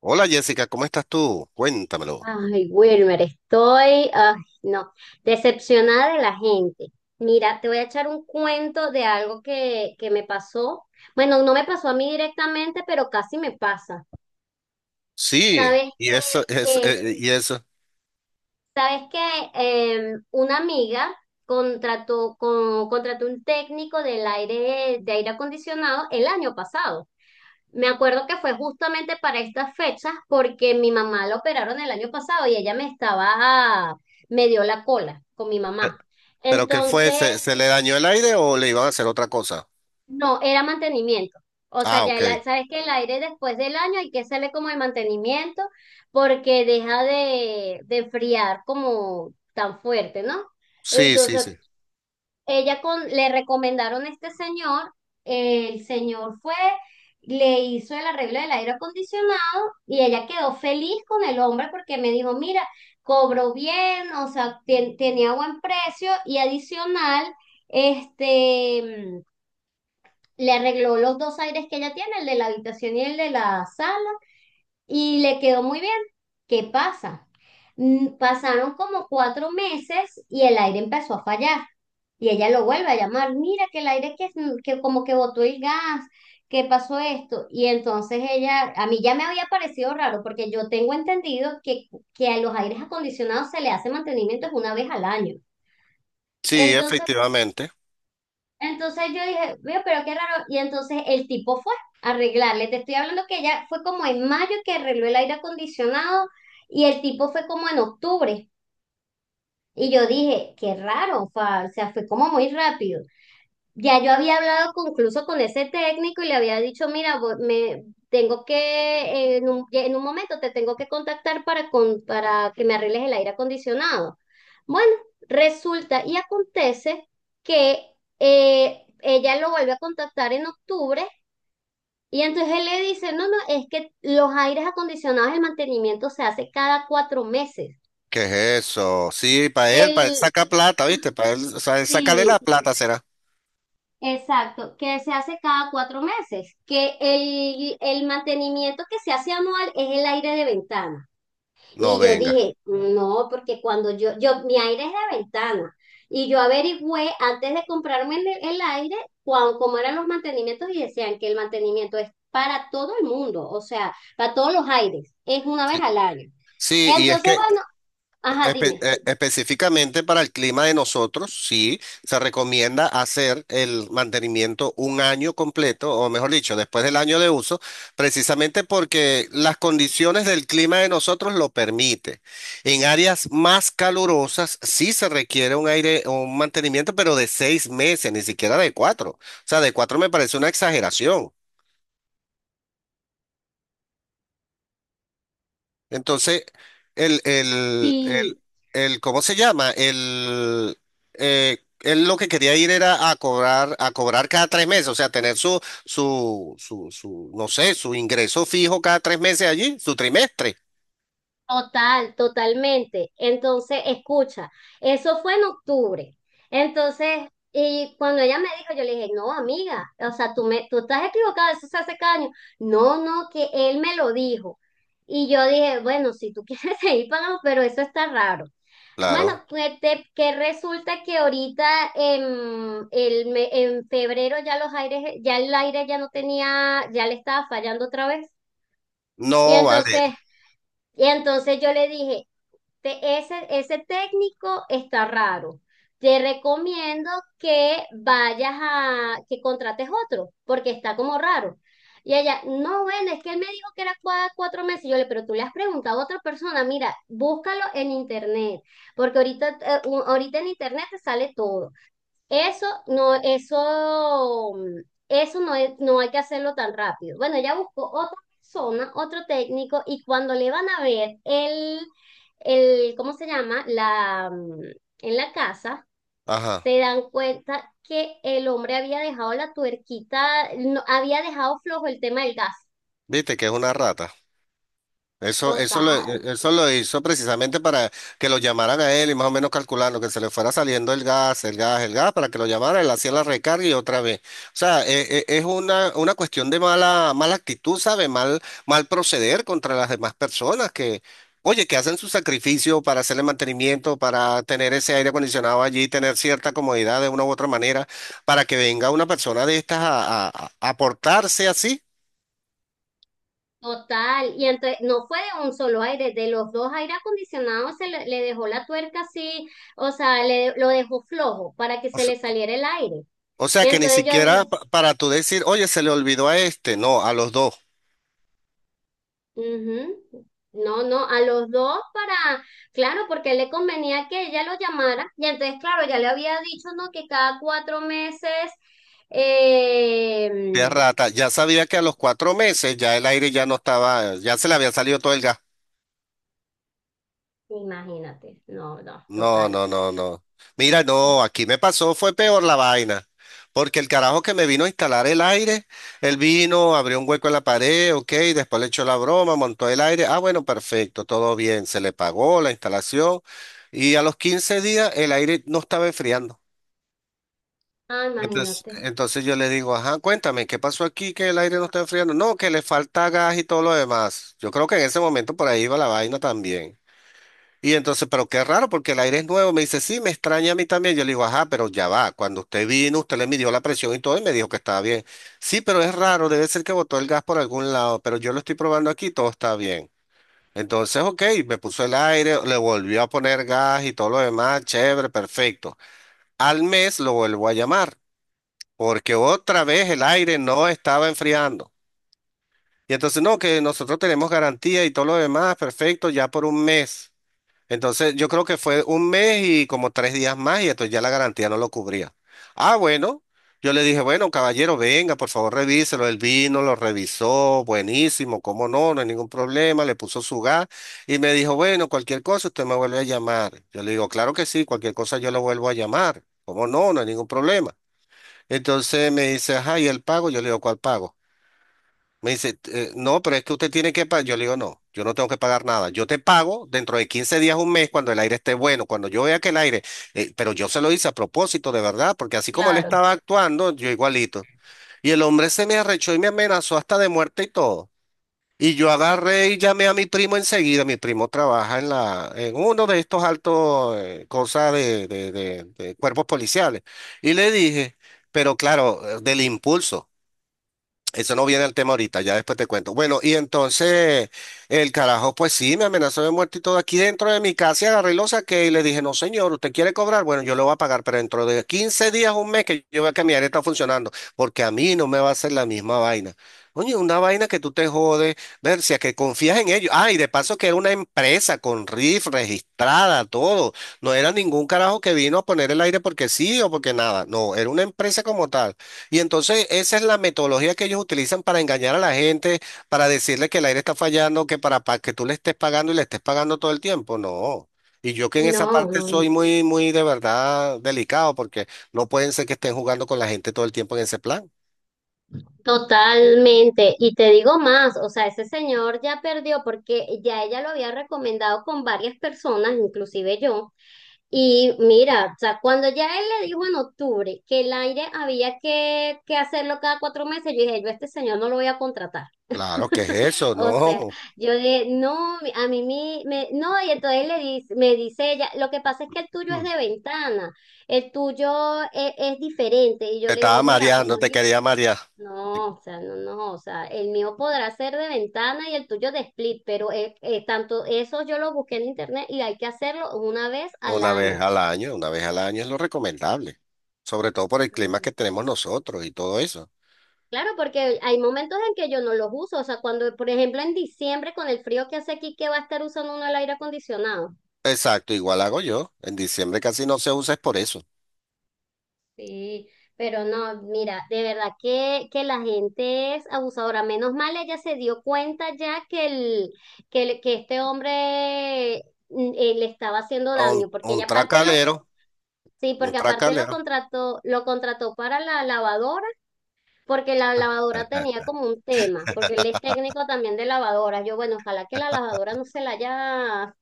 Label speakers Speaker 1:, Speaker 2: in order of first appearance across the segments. Speaker 1: Hola Jessica, ¿cómo estás tú? Cuéntamelo.
Speaker 2: Ay, Wilmer, estoy, ay, no, decepcionada de la gente. Mira, te voy a echar un cuento de algo que me pasó. Bueno, no me pasó a mí directamente, pero casi me pasa.
Speaker 1: Sí,
Speaker 2: ¿Sabes que,
Speaker 1: y eso, es,
Speaker 2: eh,
Speaker 1: y eso.
Speaker 2: que una amiga contrató un técnico del aire, de aire acondicionado el año pasado? Me acuerdo que fue justamente para estas fechas porque mi mamá la operaron el año pasado y ella me estaba, me dio la cola con mi
Speaker 1: Pe-
Speaker 2: mamá.
Speaker 1: ¿Pero qué fue?
Speaker 2: Entonces,
Speaker 1: ¿Se le dañó el aire o le iban a hacer otra cosa?
Speaker 2: no, era mantenimiento. O sea,
Speaker 1: Ah, ok.
Speaker 2: sabes que el aire después del año hay que hacerle como el mantenimiento porque deja de enfriar como tan fuerte, ¿no?
Speaker 1: Sí, sí,
Speaker 2: Entonces,
Speaker 1: sí.
Speaker 2: le recomendaron a este señor, el señor fue, le hizo el arreglo del aire acondicionado y ella quedó feliz con el hombre porque me dijo, mira, cobró bien, o sea, tenía buen precio y adicional, este, le arregló los dos aires que ella tiene, el de la habitación y el de la sala, y le quedó muy bien. ¿Qué pasa? Pasaron como cuatro meses y el aire empezó a fallar. Y ella lo vuelve a llamar, mira que el aire que como que botó el gas, que pasó esto. Y entonces ella, a mí ya me había parecido raro, porque yo tengo entendido que a los aires acondicionados se le hace mantenimiento una vez al año.
Speaker 1: Sí,
Speaker 2: Entonces,
Speaker 1: efectivamente.
Speaker 2: entonces yo dije, veo, pero qué raro. Y entonces el tipo fue a arreglarle. Te estoy hablando que ella fue como en mayo que arregló el aire acondicionado y el tipo fue como en octubre. Y yo dije, qué raro, o sea, fue como muy rápido. Ya yo había hablado incluso con ese técnico y le había dicho, mira, me tengo que, en en un momento te tengo que contactar para, con, para que me arregles el aire acondicionado. Bueno, resulta y acontece que ella lo vuelve a contactar en octubre y entonces él le dice, no, no, es que los aires acondicionados, el mantenimiento se hace cada cuatro meses.
Speaker 1: ¿Qué es eso? Sí, para él
Speaker 2: El,
Speaker 1: saca plata, ¿viste? Para él, o sea, él sacarle la plata será.
Speaker 2: Exacto, que se hace cada cuatro meses, que el mantenimiento que se hace anual es el aire de ventana.
Speaker 1: No,
Speaker 2: Y yo
Speaker 1: venga.
Speaker 2: dije, no, porque cuando yo, mi aire es de ventana. Y yo averigüé antes de comprarme el aire cómo eran los mantenimientos y decían que el mantenimiento es para todo el mundo, o sea, para todos los aires, es una vez
Speaker 1: Sí,
Speaker 2: al año.
Speaker 1: sí, y es
Speaker 2: Entonces,
Speaker 1: que
Speaker 2: bueno, ajá, dime.
Speaker 1: Específicamente para el clima de nosotros, sí, se recomienda hacer el mantenimiento un año completo, o mejor dicho, después del año de uso, precisamente porque las condiciones del clima de nosotros lo permite. En áreas más calurosas sí se requiere un aire, un mantenimiento, pero de seis meses, ni siquiera de cuatro. O sea, de cuatro me parece una exageración. Entonces, el, el, el,
Speaker 2: Sí,
Speaker 1: ¿cómo se llama? Él lo que quería ir era a cobrar cada tres meses, o sea, tener no sé, su ingreso fijo cada tres meses allí, su trimestre.
Speaker 2: total, totalmente. Entonces, escucha, eso fue en octubre. Entonces, y cuando ella me dijo, yo le dije, no, amiga, o sea, tú, me, tú estás equivocada, eso se hace caño. No, no, que él me lo dijo. Y yo dije, bueno, si tú quieres seguir pagando, pero eso está raro. Bueno,
Speaker 1: Claro.
Speaker 2: pues que resulta que ahorita en, en febrero ya los aires, ya el aire ya no tenía, ya le estaba fallando otra vez. Y
Speaker 1: No, vale.
Speaker 2: entonces, yo le dije, ese técnico está raro. Te recomiendo que que contrates otro, porque está como raro. Y ella, no, bueno, es que él me dijo que era cuatro meses. Y yo le, pero tú le has preguntado a otra persona, mira, búscalo en internet, porque ahorita, ahorita en internet te sale todo. Eso no, eso, eso no hay que hacerlo tan rápido. Bueno, ella buscó otra persona, otro técnico, y cuando le van a ver ¿cómo se llama? La, en la casa,
Speaker 1: Ajá.
Speaker 2: se dan cuenta que el hombre había dejado la tuerquita, no, había dejado flojo el tema del gas.
Speaker 1: Viste que es una rata. Eso, eso lo, e-
Speaker 2: Total.
Speaker 1: Eso lo hizo precisamente para que lo llamaran a él y más o menos calculando que se le fuera saliendo el gas, para que lo llamaran, él hacía la recarga y otra vez. O sea, es una cuestión de mala, mala actitud, ¿sabe? Mal, mal proceder contra las demás personas que, oye, que hacen su sacrificio para hacerle mantenimiento, para tener ese aire acondicionado allí, tener cierta comodidad de una u otra manera, para que venga una persona de estas a portarse así.
Speaker 2: Total, y entonces no fue de un solo aire, de los dos aire acondicionados le dejó la tuerca así, o sea, lo dejó flojo para que se le saliera el aire.
Speaker 1: O sea
Speaker 2: Y
Speaker 1: que ni
Speaker 2: entonces yo
Speaker 1: siquiera
Speaker 2: dije,
Speaker 1: para tú decir, oye, se le olvidó a este, no, a los dos,
Speaker 2: "Ujú, no, no, a los dos para, claro, porque a él le convenía que ella lo llamara". Y entonces, claro, ya le había dicho, ¿no? Que cada cuatro meses, eh,
Speaker 1: de rata. Ya sabía que a los cuatro meses ya el aire ya no estaba, ya se le había salido todo el gas.
Speaker 2: imagínate, no, no,
Speaker 1: No,
Speaker 2: total,
Speaker 1: no, no, no. Mira, no, aquí me pasó, fue peor la vaina. Porque el carajo que me vino a instalar el aire, él vino, abrió un hueco en la pared, ok, después le echó la broma, montó el aire. Ah, bueno, perfecto, todo bien, se le pagó la instalación. Y a los 15 días el aire no estaba enfriando.
Speaker 2: ah,
Speaker 1: Entonces,
Speaker 2: imagínate,
Speaker 1: entonces yo le digo, ajá, cuéntame, ¿qué pasó aquí que el aire no está enfriando? No, que le falta gas y todo lo demás. Yo creo que en ese momento por ahí iba la vaina también. Y entonces, pero qué raro, porque el aire es nuevo. Me dice, sí, me extraña a mí también. Yo le digo, ajá, pero ya va. Cuando usted vino, usted le midió la presión y todo y me dijo que estaba bien. Sí, pero es raro, debe ser que botó el gas por algún lado, pero yo lo estoy probando aquí, todo está bien. Entonces, ok, me puso el aire, le volvió a poner gas y todo lo demás, chévere, perfecto. Al mes lo vuelvo a llamar porque otra vez el aire no estaba enfriando. Y entonces, no, que nosotros tenemos garantía y todo lo demás, perfecto, ya por un mes. Entonces, yo creo que fue un mes y como tres días más y entonces ya la garantía no lo cubría. Ah, bueno, yo le dije, bueno, caballero, venga, por favor, revíselo. El vino, lo revisó, buenísimo, cómo no, no hay ningún problema, le puso su gas y me dijo, bueno, cualquier cosa, usted me vuelve a llamar. Yo le digo, claro que sí, cualquier cosa yo lo vuelvo a llamar. ¿Cómo no? No hay ningún problema. Entonces me dice, ajá, ¿y el pago? Yo le digo, ¿cuál pago? Me dice, no, pero es que usted tiene que pagar. Yo le digo, no, yo no tengo que pagar nada. Yo te pago dentro de 15 días, un mes, cuando el aire esté bueno, cuando yo vea que el aire, pero yo se lo hice a propósito, de verdad, porque así como él
Speaker 2: claro,
Speaker 1: estaba actuando, yo igualito. Y el hombre se me arrechó y me amenazó hasta de muerte y todo. Y yo agarré y llamé a mi primo enseguida. Mi primo trabaja en la, en uno de estos altos cosas de cuerpos policiales. Y le dije, pero claro, del impulso. Eso no viene al tema ahorita, ya después te cuento. Bueno, y entonces el carajo, pues sí, me amenazó de muerte y todo aquí dentro de mi casa y agarré y lo saqué y le dije, no señor, ¿usted quiere cobrar? Bueno, yo lo voy a pagar, pero dentro de 15 días, un mes que yo vea que mi área está funcionando, porque a mí no me va a hacer la misma vaina. Oye, una vaina que tú te jodes, ver si a que confías en ellos. Ah, y de paso que era una empresa con RIF registrada, todo. No era ningún carajo que vino a poner el aire porque sí o porque nada. No, era una empresa como tal. Y entonces esa es la metodología que ellos utilizan para engañar a la gente, para decirle que el aire está fallando, que para que tú le estés pagando y le estés pagando todo el tiempo. No. Y yo que en esa
Speaker 2: no,
Speaker 1: parte
Speaker 2: no.
Speaker 1: soy muy, muy de verdad delicado porque no pueden ser que estén jugando con la gente todo el tiempo en ese plan.
Speaker 2: Totalmente, y te digo más, o sea, ese señor ya perdió porque ya ella lo había recomendado con varias personas, inclusive yo, y mira, o sea, cuando ya él le dijo en octubre que el aire había que hacerlo cada cuatro meses, yo dije, yo a este señor no lo voy a contratar.
Speaker 1: Claro, ¿qué es eso?
Speaker 2: O sea,
Speaker 1: No.
Speaker 2: yo dije, no, mi- a mí mi- me, no, y entonces le dice, me dice ella, lo que pasa es que el tuyo es
Speaker 1: Mm.
Speaker 2: de ventana, el tuyo es diferente, y yo
Speaker 1: Te
Speaker 2: le
Speaker 1: estaba
Speaker 2: digo, mira, por
Speaker 1: mareando, te
Speaker 2: muy
Speaker 1: quería marear.
Speaker 2: no, o sea, no, no, o sea, el mío podrá ser de ventana y el tuyo de split, pero tanto eso yo lo busqué en internet y hay que hacerlo una vez al
Speaker 1: Una
Speaker 2: año.
Speaker 1: vez al año, una vez al año es lo recomendable, sobre todo por el clima
Speaker 2: Ujú.
Speaker 1: que tenemos nosotros y todo eso.
Speaker 2: Claro, porque hay momentos en que yo no los uso, o sea, cuando, por ejemplo, en diciembre con el frío que hace aquí, ¿qué va a estar usando uno el aire acondicionado?
Speaker 1: Exacto, igual hago yo. En diciembre casi no se usa es por eso.
Speaker 2: Sí, pero no, mira, de verdad que la gente es abusadora. Menos mal ella se dio cuenta ya que que este hombre le estaba haciendo daño, porque
Speaker 1: Un
Speaker 2: ella aparte lo...
Speaker 1: tracalero,
Speaker 2: Sí,
Speaker 1: un
Speaker 2: porque aparte
Speaker 1: tracalero.
Speaker 2: lo contrató para la lavadora, porque la lavadora tenía como un tema, porque él es técnico también de lavadoras. Yo, bueno, ojalá que la lavadora no se la haya,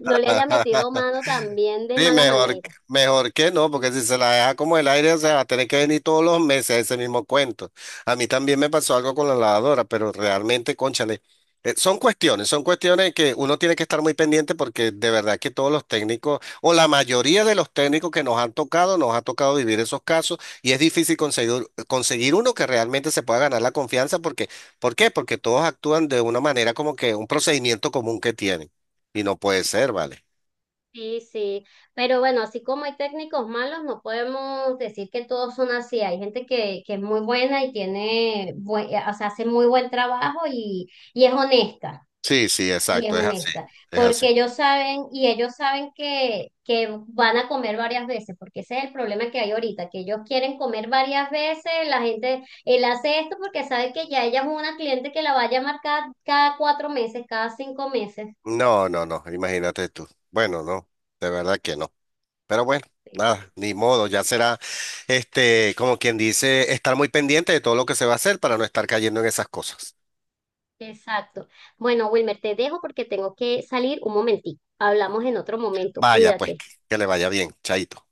Speaker 2: no le haya metido mano también de
Speaker 1: Sí,
Speaker 2: mala
Speaker 1: mejor,
Speaker 2: manera.
Speaker 1: mejor que no, porque si se la deja como el aire, o sea, va a tener que venir todos los meses ese mismo cuento. A mí también me pasó algo con la lavadora, pero realmente, cónchale, son cuestiones que uno tiene que estar muy pendiente porque de verdad que todos los técnicos, o la mayoría de los técnicos que nos han tocado, nos ha tocado vivir esos casos y es difícil conseguir, conseguir uno que realmente se pueda ganar la confianza porque, ¿por qué? Porque todos actúan de una manera como que un procedimiento común que tienen y no puede ser, ¿vale?
Speaker 2: Sí, sí, pero bueno, así como hay técnicos malos, no podemos decir que todos son así. Hay gente que es muy buena y tiene, o sea, hace muy buen trabajo y es honesta.
Speaker 1: Sí, sí,
Speaker 2: Y es
Speaker 1: exacto, es así,
Speaker 2: honesta,
Speaker 1: es así.
Speaker 2: porque ellos saben y ellos saben que van a comer varias veces, porque ese es el problema que hay ahorita, que ellos quieren comer varias veces, la gente, él hace esto porque sabe que ya ella es una cliente que la va a llamar cada cuatro meses, cada cinco meses.
Speaker 1: No, no, no, imagínate tú. Bueno, no, de verdad que no. Pero bueno, nada, ni modo, ya será, este, como quien dice, estar muy pendiente de todo lo que se va a hacer para no estar cayendo en esas cosas.
Speaker 2: Exacto. Bueno, Wilmer, te dejo porque tengo que salir un momentico. Hablamos en otro momento,
Speaker 1: Vaya, pues,
Speaker 2: cuídate.
Speaker 1: que le vaya bien, chaito.